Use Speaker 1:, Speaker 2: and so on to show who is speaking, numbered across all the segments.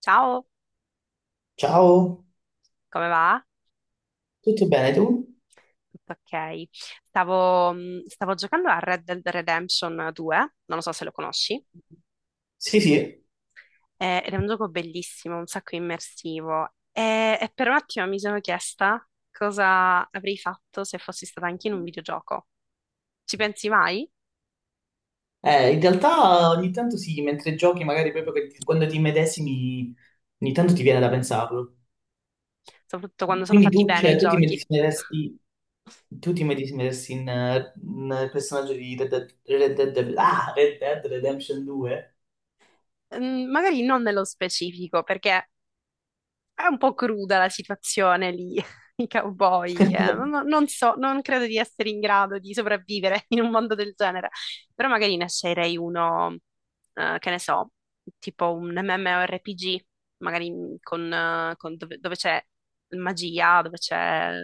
Speaker 1: Ciao,
Speaker 2: Ciao,
Speaker 1: come va?
Speaker 2: tutto bene tu?
Speaker 1: Tutto ok. Stavo giocando a Red Dead Redemption 2, non lo so se lo conosci,
Speaker 2: Sì, sì,
Speaker 1: ed è un gioco bellissimo, un sacco immersivo. E per un attimo mi sono chiesta cosa avrei fatto se fossi stata anche in un videogioco. Ci pensi mai?
Speaker 2: in realtà ogni tanto sì, mentre giochi magari proprio quando ti immedesimi, ogni tanto ti viene da pensarlo.
Speaker 1: Soprattutto quando sono
Speaker 2: Quindi
Speaker 1: fatti
Speaker 2: tu,
Speaker 1: bene i
Speaker 2: cioè, tu ti
Speaker 1: giochi.
Speaker 2: immedesimeresti, in, in personaggio di Red Dead Redemption 2?
Speaker 1: Mm, magari non nello specifico, perché è un po' cruda la situazione lì, i cowboy, che non, non so, non credo di essere in grado di sopravvivere in un mondo del genere, però magari ne sceglierei uno, che ne so, tipo un MMORPG, magari con dove c'è magia, dove c'è,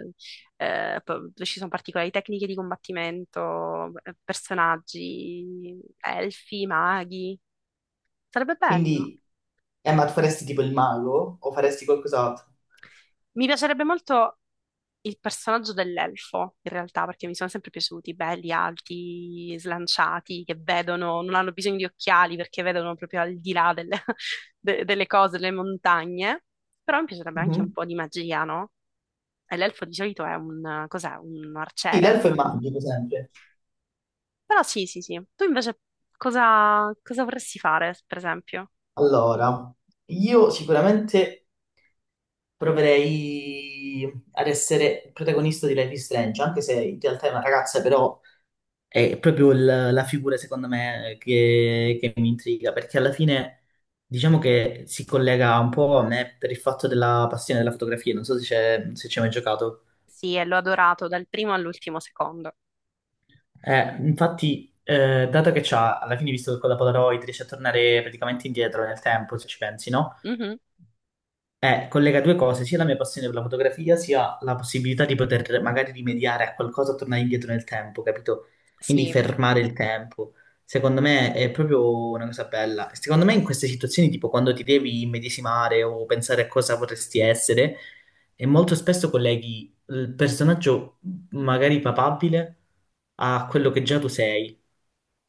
Speaker 1: dove ci sono particolari tecniche di combattimento, personaggi, elfi, maghi, sarebbe bello.
Speaker 2: Quindi, ma tu faresti tipo il mago o faresti qualcos'altro?
Speaker 1: Mi piacerebbe molto il personaggio dell'elfo, in realtà, perché mi sono sempre piaciuti, belli, alti, slanciati, che vedono, non hanno bisogno di occhiali perché vedono proprio al di là delle, delle cose, delle montagne. Però mi piacerebbe anche un
Speaker 2: Mhm.
Speaker 1: po' di magia, no? E l'elfo di solito è un, cos'è? Un
Speaker 2: Sì,
Speaker 1: arciere.
Speaker 2: l'elfo è magico sempre.
Speaker 1: Però sì, sì, sì. Tu invece cosa vorresti fare, per esempio?
Speaker 2: Allora, io sicuramente proverei ad essere il protagonista di Life is Strange, anche se in realtà è una ragazza, però è la figura, secondo me, che mi intriga, perché alla fine diciamo che si collega un po' a me per il fatto della passione della fotografia, non so se ci hai mai giocato.
Speaker 1: Sì, e l'ho adorato dal primo all'ultimo secondo.
Speaker 2: Infatti, dato che c'ha, alla fine, visto che con la Polaroid riesce a tornare praticamente indietro nel tempo, se ci pensi, no?
Speaker 1: Mhm,
Speaker 2: Collega due cose, sia la mia passione per la fotografia, sia la possibilità di poter magari rimediare a qualcosa, tornare indietro nel tempo, capito? Quindi
Speaker 1: sì.
Speaker 2: fermare il tempo. Secondo me è proprio una cosa bella. Secondo me in queste situazioni, tipo quando ti devi immedesimare o pensare a cosa vorresti essere, e molto spesso colleghi il personaggio magari papabile a quello che già tu sei.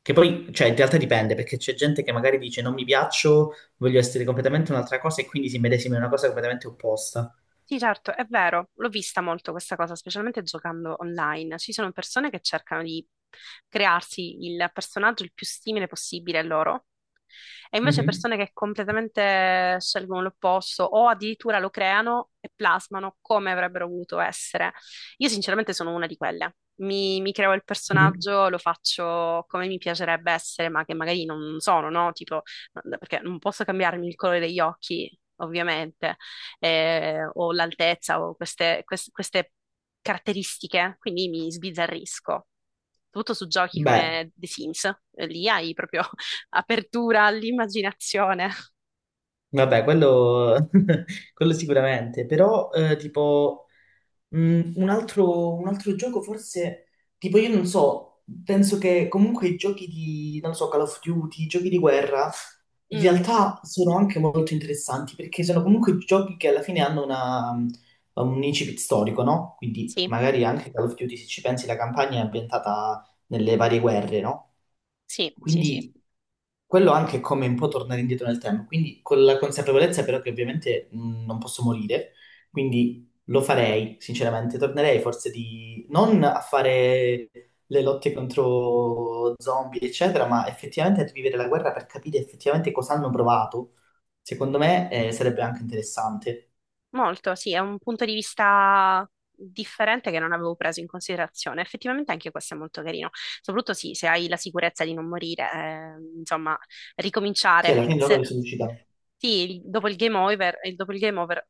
Speaker 2: Che poi, cioè, in realtà dipende, perché c'è gente che magari dice non mi piaccio, voglio essere completamente un'altra cosa e quindi si medesima in una cosa completamente opposta.
Speaker 1: Sì, certo, è vero, l'ho vista molto questa cosa, specialmente giocando online. Ci sono persone che cercano di crearsi il personaggio il più simile possibile a loro e invece
Speaker 2: Mhm,
Speaker 1: persone che completamente scelgono l'opposto o addirittura lo creano e plasmano come avrebbero voluto essere. Io sinceramente sono una di quelle. Mi creo il
Speaker 2: mhm.
Speaker 1: personaggio, lo faccio come mi piacerebbe essere, ma che magari non sono, no? Tipo, no, perché non posso cambiarmi il colore degli occhi, ovviamente, o l'altezza o queste caratteristiche, quindi mi sbizzarrisco. Soprattutto su giochi
Speaker 2: Beh,
Speaker 1: come The Sims, lì hai proprio apertura all'immaginazione.
Speaker 2: vabbè, quello, quello sicuramente, però tipo un altro gioco forse. Tipo io non so, penso che comunque i giochi di, non so, Call of Duty, i giochi di guerra, in
Speaker 1: Mm,
Speaker 2: realtà sono anche molto interessanti perché sono comunque giochi che alla fine hanno un incipit storico, no? Quindi
Speaker 1: sì,
Speaker 2: magari anche Call of Duty, se ci pensi, la campagna è ambientata nelle varie guerre, no?
Speaker 1: sì, sì, sì.
Speaker 2: Quindi quello anche è come un po' tornare indietro nel tempo, quindi con la consapevolezza però che ovviamente non posso morire, quindi lo farei, sinceramente, tornerei forse di non a fare le lotte contro zombie, eccetera, ma effettivamente a vivere la guerra per capire effettivamente cosa hanno provato. Secondo me sarebbe anche interessante.
Speaker 1: Molto, sì, è un punto di vista differente che non avevo preso in considerazione. Effettivamente anche questo è molto carino. Soprattutto sì, se hai la sicurezza di non morire, insomma,
Speaker 2: Sì, alla
Speaker 1: ricominciare.
Speaker 2: fine loro si riusciti.
Speaker 1: Sì, dopo il game over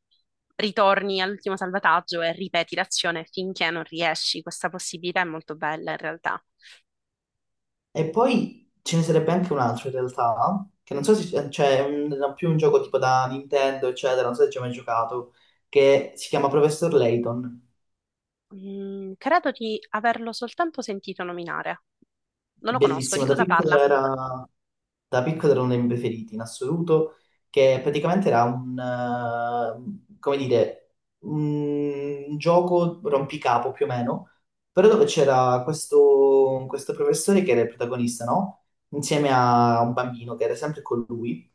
Speaker 1: ritorni all'ultimo salvataggio e ripeti l'azione finché non riesci. Questa possibilità è molto bella in realtà.
Speaker 2: E poi ce ne sarebbe anche un altro in realtà, che non so se cioè, più un gioco tipo da Nintendo, eccetera, non so se ci hai mai giocato, che si chiama Professor Layton.
Speaker 1: Credo di averlo soltanto sentito nominare. Non lo conosco. Di
Speaker 2: Bellissimo,
Speaker 1: cosa parla?
Speaker 2: da piccolo era uno dei miei preferiti in assoluto, che praticamente era un, come dire, un gioco rompicapo più o meno, però dove c'era questo professore che era il protagonista, no? Insieme a un bambino che era sempre con lui.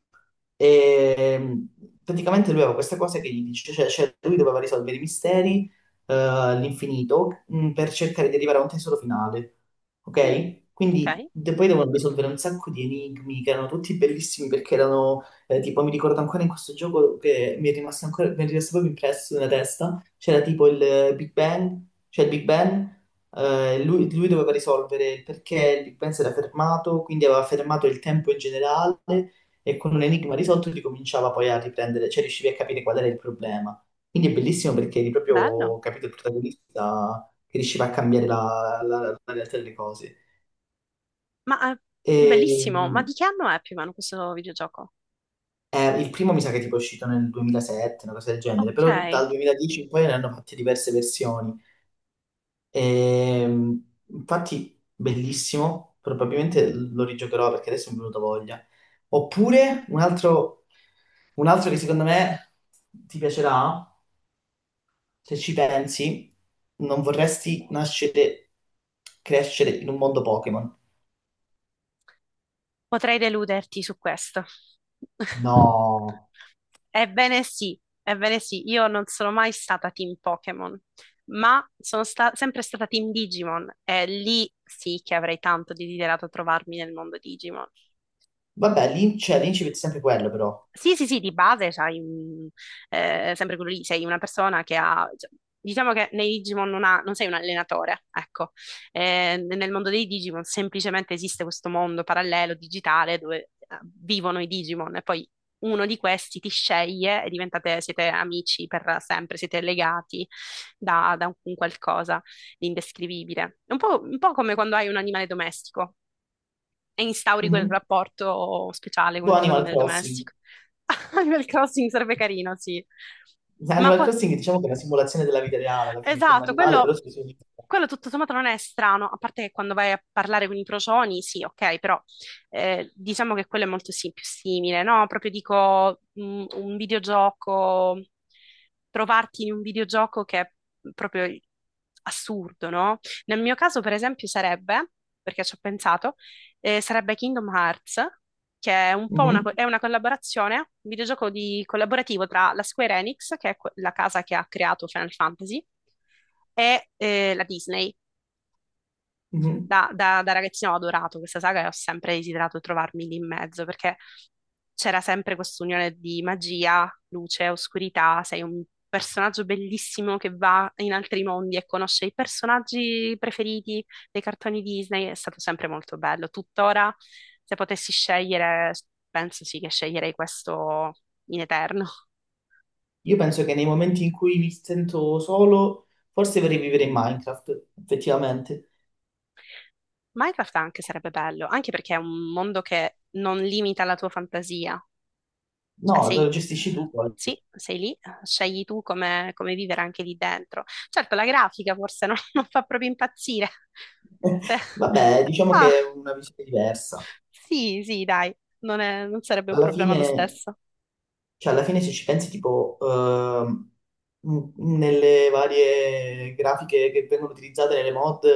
Speaker 2: E praticamente lui aveva questa cosa che gli dice, cioè lui doveva risolvere i misteri all'infinito per cercare di arrivare a un tesoro finale.
Speaker 1: Mm,
Speaker 2: Ok?
Speaker 1: ok,
Speaker 2: Quindi poi devono risolvere un sacco di enigmi che erano tutti bellissimi perché erano, tipo, mi ricordo ancora in questo gioco che mi è rimasto proprio impresso nella testa, c'era tipo il Big Bang, cioè il Big Bang, lui doveva risolvere il perché il Big Bang si era fermato, quindi aveva fermato il tempo in generale e con un enigma risolto ricominciava poi a riprendere, cioè riuscivi a capire qual era il problema. Quindi è bellissimo perché eri
Speaker 1: bello.
Speaker 2: proprio, capito, il protagonista che riusciva a cambiare la, la realtà delle cose.
Speaker 1: Ma
Speaker 2: E,
Speaker 1: bellissimo. Ma di che anno è più o meno questo videogioco?
Speaker 2: il primo mi sa che tipo è uscito nel 2007, una cosa del genere,
Speaker 1: Ok,
Speaker 2: però dal 2010 in poi ne hanno fatte diverse versioni. E, infatti, bellissimo, probabilmente lo rigiocherò perché adesso mi è venuta voglia. Oppure un altro, che secondo me ti piacerà, se ci pensi, non vorresti nascere, crescere in un mondo Pokémon.
Speaker 1: potrei deluderti su questo.
Speaker 2: No,
Speaker 1: Ebbene sì, io non sono mai stata team Pokémon, ma sono sempre stata team Digimon e lì sì che avrei tanto desiderato trovarmi nel mondo Digimon.
Speaker 2: vabbè, cioè, l'incipit è sempre quello, però.
Speaker 1: Sì, sì, sì, di base c'hai sempre quello lì, sei una persona che ha, cioè, diciamo che nei Digimon non sei un allenatore, ecco. Nel mondo dei Digimon semplicemente esiste questo mondo parallelo, digitale, dove vivono i Digimon e poi uno di questi ti sceglie e diventate, siete amici per sempre, siete legati da un qualcosa di indescrivibile. È un po', un po' come quando hai un animale domestico, e instauri quel
Speaker 2: Mhm.
Speaker 1: rapporto speciale con
Speaker 2: Tipo
Speaker 1: il tuo
Speaker 2: Animal
Speaker 1: animale
Speaker 2: Crossing.
Speaker 1: domestico. Animal Crossing sarebbe carino, sì. Ma
Speaker 2: Animal
Speaker 1: qua-
Speaker 2: Crossing diciamo che è una simulazione della vita reale, alla fine con un
Speaker 1: esatto,
Speaker 2: animale,
Speaker 1: quello,
Speaker 2: però si sono.
Speaker 1: quello tutto sommato non è strano, a parte che quando vai a parlare con i procioni, sì, ok, però diciamo che quello è molto più simile, no? Proprio dico un videogioco, trovarti in un videogioco che è proprio assurdo, no? Nel mio caso, per esempio, sarebbe, perché ci ho pensato, sarebbe Kingdom Hearts, che è un po'
Speaker 2: Mhm.
Speaker 1: è una collaborazione, un videogioco collaborativo tra la Square Enix, che è la casa che ha creato Final Fantasy, e la Disney
Speaker 2: Mhm.
Speaker 1: da ragazzina ho adorato questa saga e ho sempre desiderato trovarmi lì in mezzo perché c'era sempre quest'unione di magia, luce, oscurità, sei un personaggio bellissimo che va in altri mondi e conosce i personaggi preferiti dei cartoni Disney, è stato sempre molto bello. Tuttora, se potessi scegliere, penso sì che sceglierei questo in eterno.
Speaker 2: Io penso che nei momenti in cui mi sento solo, forse vorrei vivere in Minecraft, effettivamente.
Speaker 1: Minecraft anche sarebbe bello, anche perché è un mondo che non limita la tua fantasia.
Speaker 2: No,
Speaker 1: Cioè,
Speaker 2: te
Speaker 1: sei,
Speaker 2: lo gestisci tu poi.
Speaker 1: sì, sei lì, scegli tu come vivere anche lì dentro. Certo, la grafica forse non fa proprio impazzire, Se-
Speaker 2: Vabbè, diciamo
Speaker 1: ma
Speaker 2: che è una visione diversa.
Speaker 1: sì, sì, dai, non sarebbe un
Speaker 2: Alla
Speaker 1: problema lo
Speaker 2: fine
Speaker 1: stesso.
Speaker 2: Cioè, alla fine se ci pensi, tipo, nelle varie grafiche che vengono utilizzate nelle mod,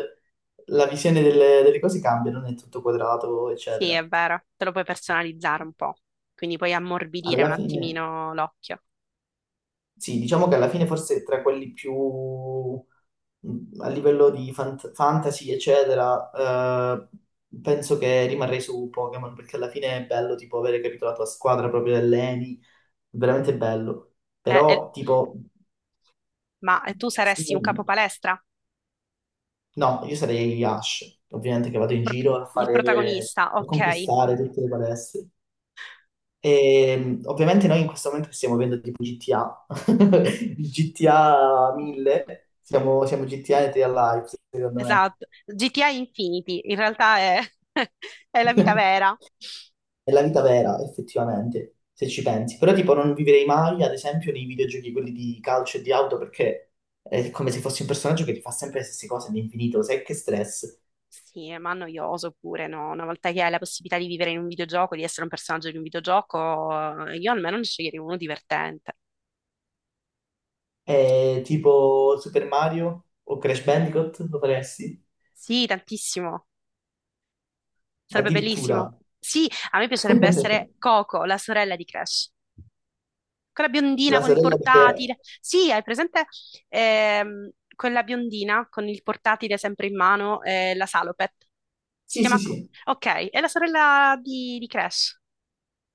Speaker 2: la visione delle cose cambia, non è tutto quadrato,
Speaker 1: Sì,
Speaker 2: eccetera.
Speaker 1: è vero, te lo puoi personalizzare un po', quindi puoi ammorbidire un
Speaker 2: Alla fine,
Speaker 1: attimino l'occhio.
Speaker 2: sì, diciamo che alla fine forse tra quelli più a livello di fantasy, eccetera, eh, penso che rimarrei su Pokémon, perché alla fine è bello, tipo, avere capito la tua squadra proprio dell'ENI, veramente bello.
Speaker 1: Eh, eh,
Speaker 2: Però, tipo.
Speaker 1: ma tu
Speaker 2: Sì,
Speaker 1: saresti un capo palestra?
Speaker 2: no, io sarei Ash, ovviamente che vado in
Speaker 1: Proprio
Speaker 2: giro a
Speaker 1: il
Speaker 2: fare,
Speaker 1: protagonista,
Speaker 2: a
Speaker 1: ok.
Speaker 2: conquistare tutte le palestre. E ovviamente noi in questo momento stiamo vivendo tipo GTA, il GTA 1000, siamo GTA e T A Live, secondo me.
Speaker 1: Esatto, GTA Infinity, in realtà è, è la vita vera.
Speaker 2: È la vita vera, effettivamente, se ci pensi. Però tipo non vivrei mai, ad esempio, nei videogiochi quelli di calcio e di auto, perché è come se fossi un personaggio che ti fa sempre le stesse cose all'infinito, sai che stress.
Speaker 1: Sì, ma noioso pure, no? Una volta che hai la possibilità di vivere in un videogioco, di essere un personaggio di un videogioco, io almeno ne sceglierei uno divertente.
Speaker 2: Tipo Super Mario o Crash Bandicoot, lo faresti?
Speaker 1: Sì, tantissimo. Sarebbe bellissimo.
Speaker 2: Addirittura.
Speaker 1: Sì, a me piacerebbe essere Coco, la sorella di Crash. Quella biondina
Speaker 2: La
Speaker 1: con il
Speaker 2: sorella di Crash.
Speaker 1: portatile. Sì, hai presente quella biondina con il portatile sempre in mano, la Salopet. Si
Speaker 2: Sì, sì,
Speaker 1: chiama
Speaker 2: sì.
Speaker 1: Ok, è la sorella di Crash.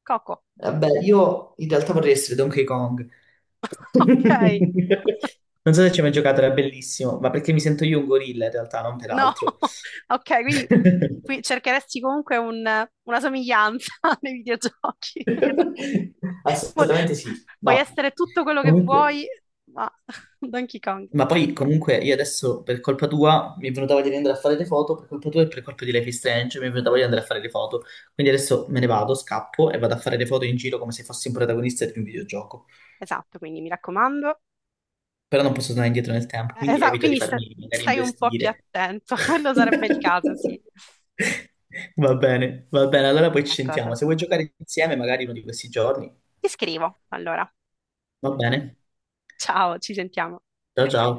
Speaker 1: Coco.
Speaker 2: Vabbè, io in realtà vorrei essere Donkey Kong.
Speaker 1: Ok.
Speaker 2: Non so se ci hai mai giocato, era bellissimo, ma perché mi sento io un gorilla in realtà, non per
Speaker 1: No,
Speaker 2: altro.
Speaker 1: ok, quindi qui cercheresti comunque una somiglianza nei videogiochi. Puoi,
Speaker 2: Assolutamente sì.
Speaker 1: puoi
Speaker 2: No.
Speaker 1: essere tutto quello che
Speaker 2: Comunque.
Speaker 1: vuoi, ma Donkey Kong.
Speaker 2: Ma poi comunque io adesso per colpa tua mi è venuta voglia di andare a fare le foto, per colpa tua e per colpa di Life is Strange mi è venuta voglia di andare a fare le foto. Quindi adesso me ne vado, scappo e vado a fare le foto in giro come se fossi un protagonista di un videogioco.
Speaker 1: Esatto, quindi mi raccomando.
Speaker 2: Però non posso tornare indietro nel tempo, quindi
Speaker 1: Esatto,
Speaker 2: evito di
Speaker 1: quindi
Speaker 2: farmi magari
Speaker 1: stai un po' più
Speaker 2: investire.
Speaker 1: attento, quello sarebbe il caso, sì.
Speaker 2: Va bene, allora poi ci sentiamo.
Speaker 1: D'accordo.
Speaker 2: Se vuoi giocare insieme magari uno di questi giorni,
Speaker 1: Ti scrivo, allora.
Speaker 2: va bene.
Speaker 1: Ciao, ci sentiamo.
Speaker 2: Ciao ciao.